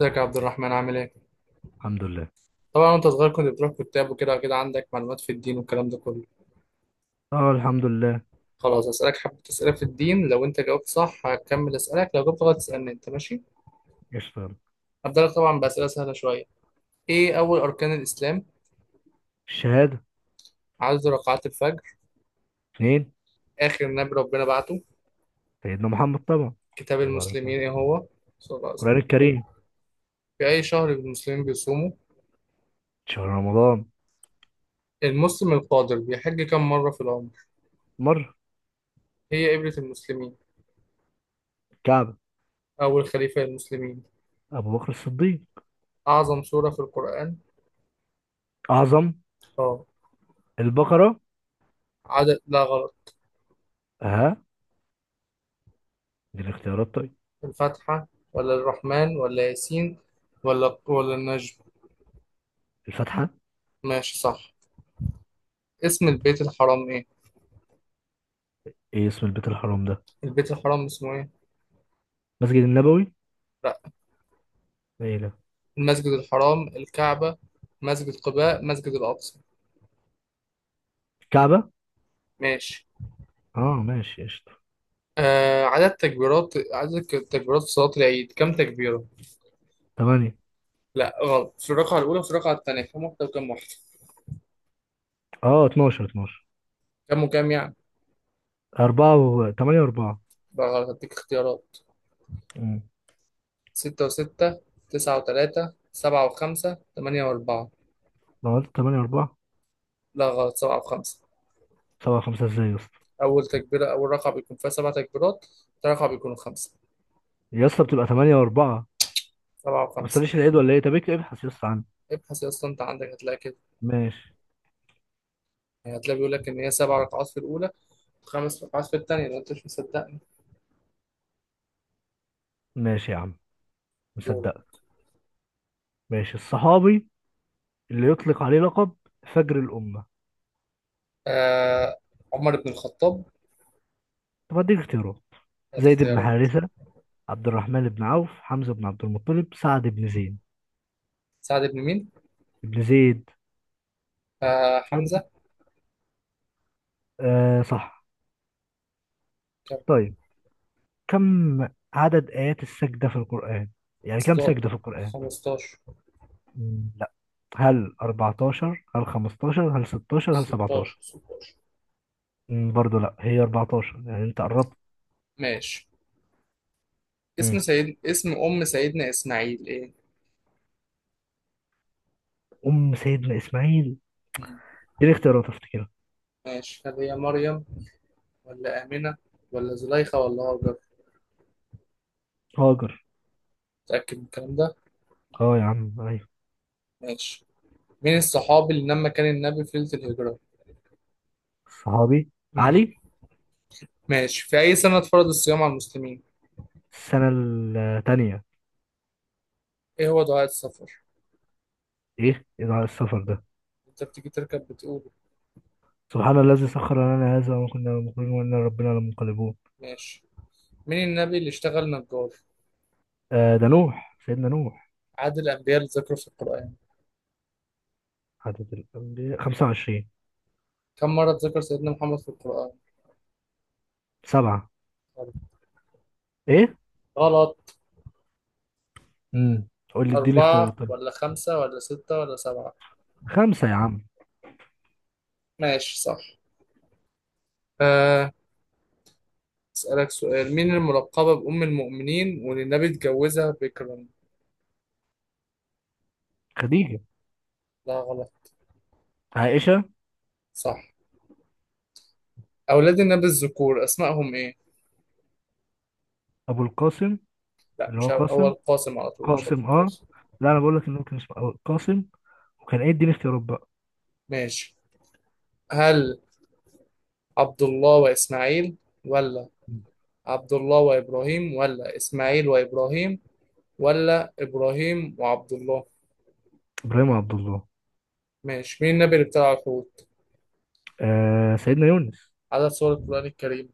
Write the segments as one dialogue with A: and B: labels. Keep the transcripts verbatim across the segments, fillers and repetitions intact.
A: ازيك يا عبد الرحمن؟ عامل ايه؟
B: الحمد لله.
A: طبعا وانت صغير كنت بتروح كتاب وكده كده عندك معلومات في الدين والكلام ده كله.
B: اه الحمد لله.
A: خلاص هسألك حبة أسئلة في الدين، لو انت جاوبت صح هكمل أسألك، لو جاوبت غلط تسألني انت، ماشي؟
B: قشطة.
A: هبدأ لك طبعا بأسئلة سهلة شوية. ايه أول أركان الإسلام؟
B: الشهادة.
A: عدد ركعات الفجر.
B: اثنين.
A: آخر نبي ربنا بعته.
B: سيدنا محمد طبعا.
A: كتاب
B: صلى الله عليه وسلم.
A: المسلمين ايه هو؟ صلى الله عليه
B: القرآن
A: وسلم.
B: الكريم.
A: في أي شهر المسلمين بيصوموا؟
B: شهر رمضان.
A: المسلم القادر بيحج كم مرة في العمر؟
B: مرة.
A: هي قبلة المسلمين.
B: الكعبة.
A: أول خليفة للمسلمين.
B: أبو بكر الصديق.
A: أعظم سورة في القرآن؟
B: أعظم.
A: اه.
B: البقرة.
A: عدد، لا غلط.
B: ها، دي الاختيارات طيب.
A: الفاتحة ولا الرحمن ولا ياسين ولا ولا النجم.
B: الفاتحة.
A: ماشي، صح. اسم البيت الحرام ايه؟
B: ايه اسم البيت الحرام ده؟
A: البيت الحرام اسمه ايه؟
B: مسجد النبوي.
A: لا.
B: ايه ده؟
A: المسجد الحرام، الكعبة، مسجد قباء، مسجد الأقصى.
B: الكعبة.
A: ماشي.
B: اه. ماشي قشطة.
A: آه، عدد تكبيرات، عدد ك- تكبيرات صلاة العيد كم تكبيرة؟
B: تمانية.
A: لا غلط، في الرقعة الأولى وفي الرقعة التانية كم واحدة وكم واحدة؟
B: اه، اتناشر اتناشر.
A: كم وكم يعني؟
B: أربعة و تمانية وأربعة.
A: بقى غلط، هديك اختيارات.
B: أمم.
A: ستة وستة، تسعة وتلاتة، سبعة وخمسة، تمانية وأربعة.
B: ما قلت تمانية وأربعة.
A: لا غلط، سبعة وخمسة.
B: سبعة خمسة ازاي يا اسطى؟
A: اول تكبيره اول رقعه بيكون فيها سبع تكبيرات، تاني رقعه بيكونوا خمسه.
B: يا اسطى بتبقى تمانية وأربعة أنت.
A: سبعه
B: ما
A: وخمسه.
B: بتصليش العيد ولا ايه؟ طب اكتب ابحث يا اسطى عنه.
A: ابحث يا اسطى انت، عندك، هتلاقي كده.
B: ماشي.
A: يعني هتلاقي بيقول لك ان هي سبع ركعات في الاولى وخمس ركعات في الثانيه لو انت مش مصدقني.
B: ماشي يا عم،
A: دول.
B: مصدقك. ماشي الصحابي اللي يطلق عليه لقب فجر الأمة.
A: آه، عمر بن الخطاب.
B: طب اديك اختيارات؟
A: ثلاث
B: زيد بن
A: اختيارات.
B: حارثة، عبد الرحمن بن عوف، حمزة بن عبد المطلب، سعد بن زيد.
A: سعد بن مين؟
B: ابن زيد.
A: آه،
B: سعد بن،
A: حمزه.
B: آه صح.
A: كام؟
B: طيب كم عدد آيات السجدة في القرآن؟ يعني كم سجدة في القرآن؟
A: خمستاشر.
B: مم، لا. هل أربعتاشر هل خمستاشر هل ستاشر هل
A: ستاشر.
B: سبعتاشر؟
A: ستاشر.
B: مم، برضه لا. هي أربعتاشر، يعني انت قربت.
A: ماشي. اسم
B: مم.
A: سيد اسم ام سيدنا اسماعيل ايه؟
B: أم سيدنا إسماعيل،
A: مم.
B: دي اختيارات افتكرها.
A: ماشي، هل هي مريم ولا آمنة ولا زليخة ولا هاجر؟
B: هاجر.
A: متأكد من الكلام ده؟
B: اه يا عم أيوة.
A: ماشي. من الصحاب اللي لما كان النبي في ليلة الهجرة؟
B: صحابي.
A: مم.
B: علي.
A: ماشي. في أي سنة اتفرض الصيام على المسلمين؟
B: السنة التانية.
A: إيه هو دعاء السفر؟
B: إيه إذاعة السفر ده؟
A: أنت بتيجي تركب بتقوله.
B: سبحان الذي سخر لنا هذا وما كنا له مقرنين وإنا ربنا لمنقلبون.
A: ماشي. مين النبي اللي اشتغل نجار؟
B: آه، ده نوح، سيدنا نوح.
A: عدد الأنبياء اللي ذكروا في القرآن.
B: عدد الأنبياء خمسة وعشرين.
A: كم مرة ذكر سيدنا محمد في القرآن؟
B: سبعة. إيه؟
A: غلط.
B: امم قول لي إديني
A: أربعة
B: اختيارات طيب.
A: ولا خمسة ولا ستة ولا سبعة؟
B: خمسة يا عم.
A: ماشي، صح. أه، أسألك سؤال. مين الملقبة بأم المؤمنين واللي النبي اتجوزها بكرا؟
B: خديجة.
A: لا غلط.
B: عائشة.
A: صح. أولاد النبي الذكور أسمائهم إيه؟
B: أبو القاسم.
A: لا،
B: اللي هو
A: مش أبو... هو
B: قاسم،
A: القاسم على طول، مش أبو
B: قاسم، أه.
A: القاسم.
B: لا، أنا بقول لك إنه كان اسمه أبو القاسم، وكان إيه، إديني اختيارات بقى.
A: ماشي، هل عبد الله وإسماعيل، ولا عبد الله وإبراهيم، ولا إسماعيل وإبراهيم، ولا إبراهيم وعبد الله؟
B: إبراهيم عبد الله.
A: ماشي. مين النبي اللي ابتلع الحوت؟
B: آه سيدنا يونس.
A: عدد سور القرآن الكريم.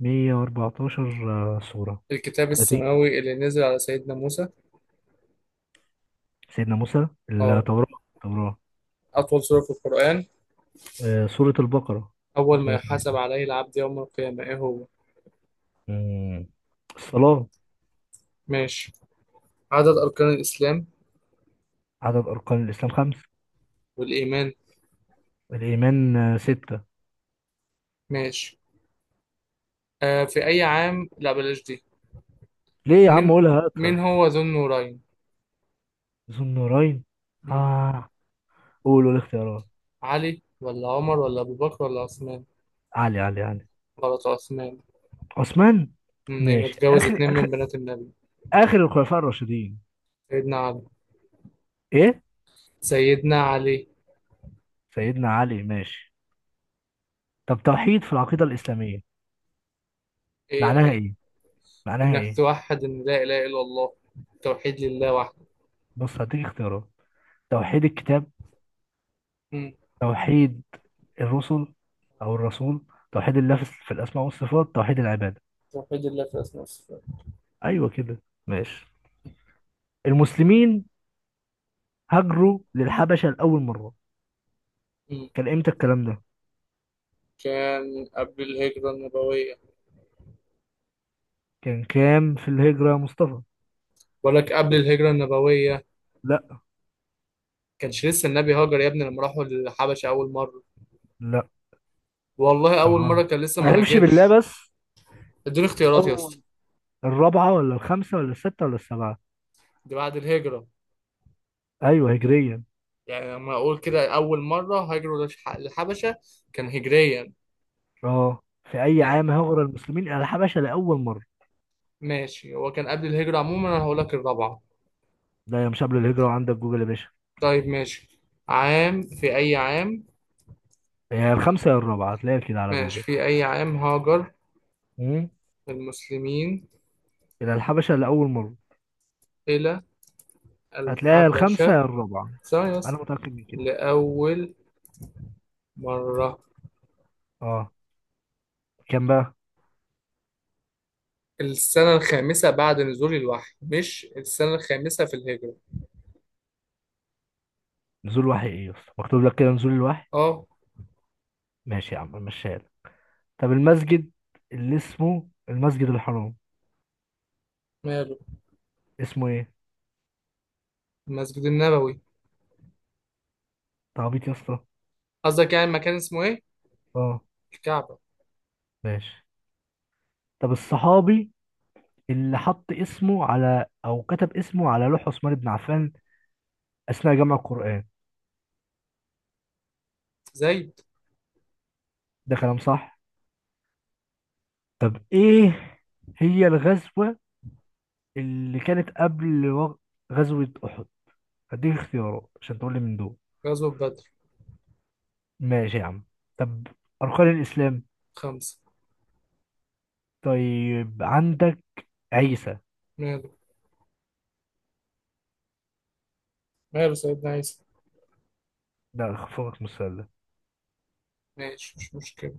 B: مائة وأربعة عشر. آه، سورة.
A: الكتاب السماوي اللي نزل على سيدنا موسى.
B: سيدنا موسى،
A: اه.
B: التوراة. التوراة.
A: أطول سورة في القرآن.
B: آه، سورة البقرة.
A: أول ما يحاسب
B: ميتين وتمنية.
A: عليه العبد يوم القيامة إيه هو؟
B: مم. الصلاة.
A: ماشي. عدد أركان الإسلام.
B: عدد أركان الإسلام خمس.
A: والإيمان.
B: الإيمان آه، ستة.
A: ماشي. آه في أي عام، لا بلاش دي.
B: ليه يا عم
A: مين،
B: قولها هاتها؟
A: مين هو ذو النورين؟
B: ذو النورين.
A: مم.
B: آه. قولوا الاختيارات.
A: علي ولا عمر ولا أبو بكر ولا عثمان؟
B: علي، علي، علي.
A: غلط، عثمان.
B: عثمان.
A: مم. يعني
B: ماشي.
A: اتجوز
B: آخر
A: اتنين من بنات النبي.
B: آخر الخلفاء الراشدين.
A: سيدنا علي.
B: إيه؟
A: سيدنا علي.
B: سيدنا علي، ماشي. طب توحيد في العقيدة الإسلامية
A: إيه
B: معناها
A: يعني؟
B: إيه؟ معناها
A: إنك
B: إيه؟
A: توحد إن لا إله إلا الله، توحيد لله وحده.
B: بص هديك اختيارات. توحيد الكتاب،
A: مم.
B: توحيد الرسل او الرسول، توحيد الله في في الاسماء والصفات، توحيد العباده.
A: توحيد الله في أسماء الصفات.
B: ايوه كده. ماشي. المسلمين هاجروا للحبشه لاول مره،
A: مم.
B: كان امتى الكلام ده؟
A: كان قبل الهجرة النبوية.
B: كان كام في الهجره يا مصطفى؟
A: بقول لك قبل الهجرة النبوية.
B: لا.
A: كانش لسه النبي هاجر يا ابني لما راحوا للحبشة أول مرة.
B: لا
A: والله
B: كان
A: أول مرة
B: غلط،
A: كان لسه ما
B: معرفش بالله
A: هاجرش.
B: بس.
A: اديني اختيارات يا اسطى.
B: اول، الرابعه ولا الخامسه ولا السته ولا السبعه؟
A: دي بعد الهجرة؟
B: ايوه هجريا.
A: يعني لما اقول كده اول مره هاجروا للش- للحبشه كان هجريا.
B: اه، في اي
A: آه،
B: عام هاجر المسلمين الى الحبشه لاول مره؟
A: ماشي. هو كان قبل الهجره عموما، انا هقول لك الرابعه.
B: ده يا مش قبل الهجره، وعندك جوجل يا باشا.
A: طيب ماشي. عام، في اي عام؟
B: يا الخامسه يا الرابعه، هتلاقيها كده على
A: ماشي،
B: جوجل.
A: في اي عام هاجر
B: مم.
A: المسلمين
B: إلى الحبشة لأول مرة.
A: الى
B: هتلاقيها الخامسة يا
A: الحبشه؟
B: الرابعة،
A: ثواني
B: أنا
A: بس.
B: متأكد من كده.
A: لاول مره.
B: أه. كام بقى؟
A: السنه الخامسه بعد نزول الوحي، مش السنه الخامسه في الهجره.
B: نزول وحي إيه يا اسطى؟ مكتوب لك كده نزول الوحي.
A: اه.
B: ماشي يا عم مشيها لك. طب المسجد اللي اسمه المسجد الحرام،
A: ماله؟
B: اسمه إيه؟
A: المسجد النبوي.
B: تعبيط يا اسطى.
A: قصدك يعني مكان اسمه ايه؟
B: أه.
A: الكعبه.
B: ماشي. طب الصحابي اللي حط اسمه على، أو كتب اسمه على لوح عثمان بن عفان أثناء جمع القرآن.
A: زيد.
B: ده كلام صح. طب إيه هي الغزوة اللي كانت قبل وغ- غزوة أحد؟ هديك اختيارات عشان تقول لي من دول.
A: غزوه بدر.
B: ماشي يا عم. طب أركان الإسلام.
A: خمسه.
B: طيب عندك عيسى.
A: ماله؟ ماله سيدنا عيسى؟
B: ده خفوقك من السؤال ده.
A: ماشي، مش مشكلة.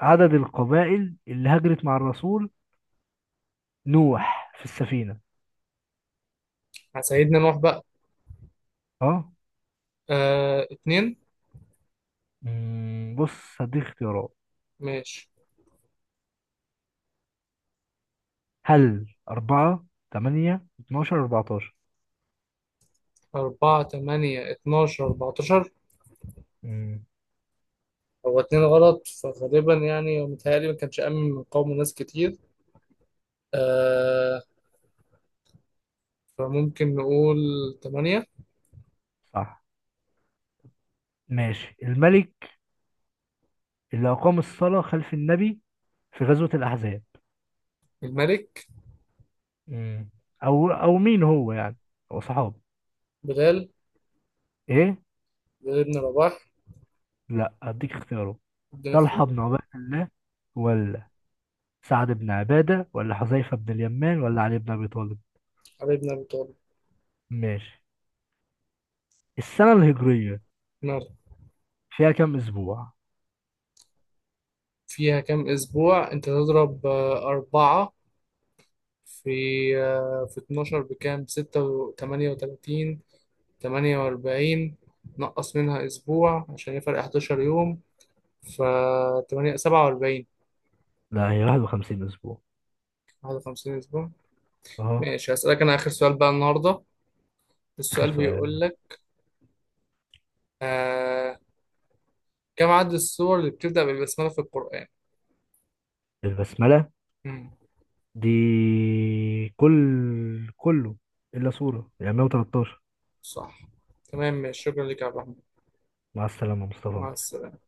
B: عدد القبائل اللي هاجرت مع الرسول نوح في السفينة.
A: على سيدنا نوح بقى.
B: اه.
A: آه، اتنين.
B: مم، بص هديك اختيارات.
A: ماشي.
B: هل أربعة، تمانية، اتناشر، أربعتاشر؟
A: أربعة، تمانية، اتناشر، أربعتاشر.
B: مم.
A: هو اتنين غلط، فغالبا يعني متهيألي ما كانش أمن من قوم ناس كتير، آه، فممكن نقول تمانية.
B: صح. ماشي الملك اللي أقام الصلاة خلف النبي في غزوة الأحزاب.
A: الملك؟
B: مم. أو أو مين هو يعني؟ هو صحابي.
A: بلال.
B: إيه؟
A: بلال ابن رباح.
B: لا، أديك اختيارات.
A: ابن
B: طلحة
A: اختيار.
B: بن عبيد الله، ولا سعد بن عبادة، ولا حذيفة بن اليمان، ولا علي بن أبي طالب.
A: علي بن أبي طالب.
B: ماشي. السنة الهجرية
A: ماله؟
B: فيها كام أسبوع؟
A: فيها كام أسبوع؟ أنت تضرب آه أربعة في آه في اتناشر بكام؟ ستة وتمانية وتلاتين. تمنية وأربعين. نقص منها أسبوع عشان هي فرق حداشر يوم. ف تمنية. سبعة وأربعين.
B: لا هي واحد وخمسين أسبوع.
A: واحد وخمسين أسبوع.
B: أهو.
A: ماشي، هسألك أنا آخر سؤال بقى النهاردة.
B: آخر
A: السؤال
B: سؤال.
A: بيقول لك، آه، كم عدد السور اللي بتبدأ بالبسملة في القرآن؟
B: البسملة
A: مم.
B: دي كل كله إلا سورة، يعني مية وتلتاشر.
A: صح، تمام، ماشي. شكرا لك يا عبد الرحمن.
B: مع السلامة
A: مع
B: مصطفى.
A: السلامة.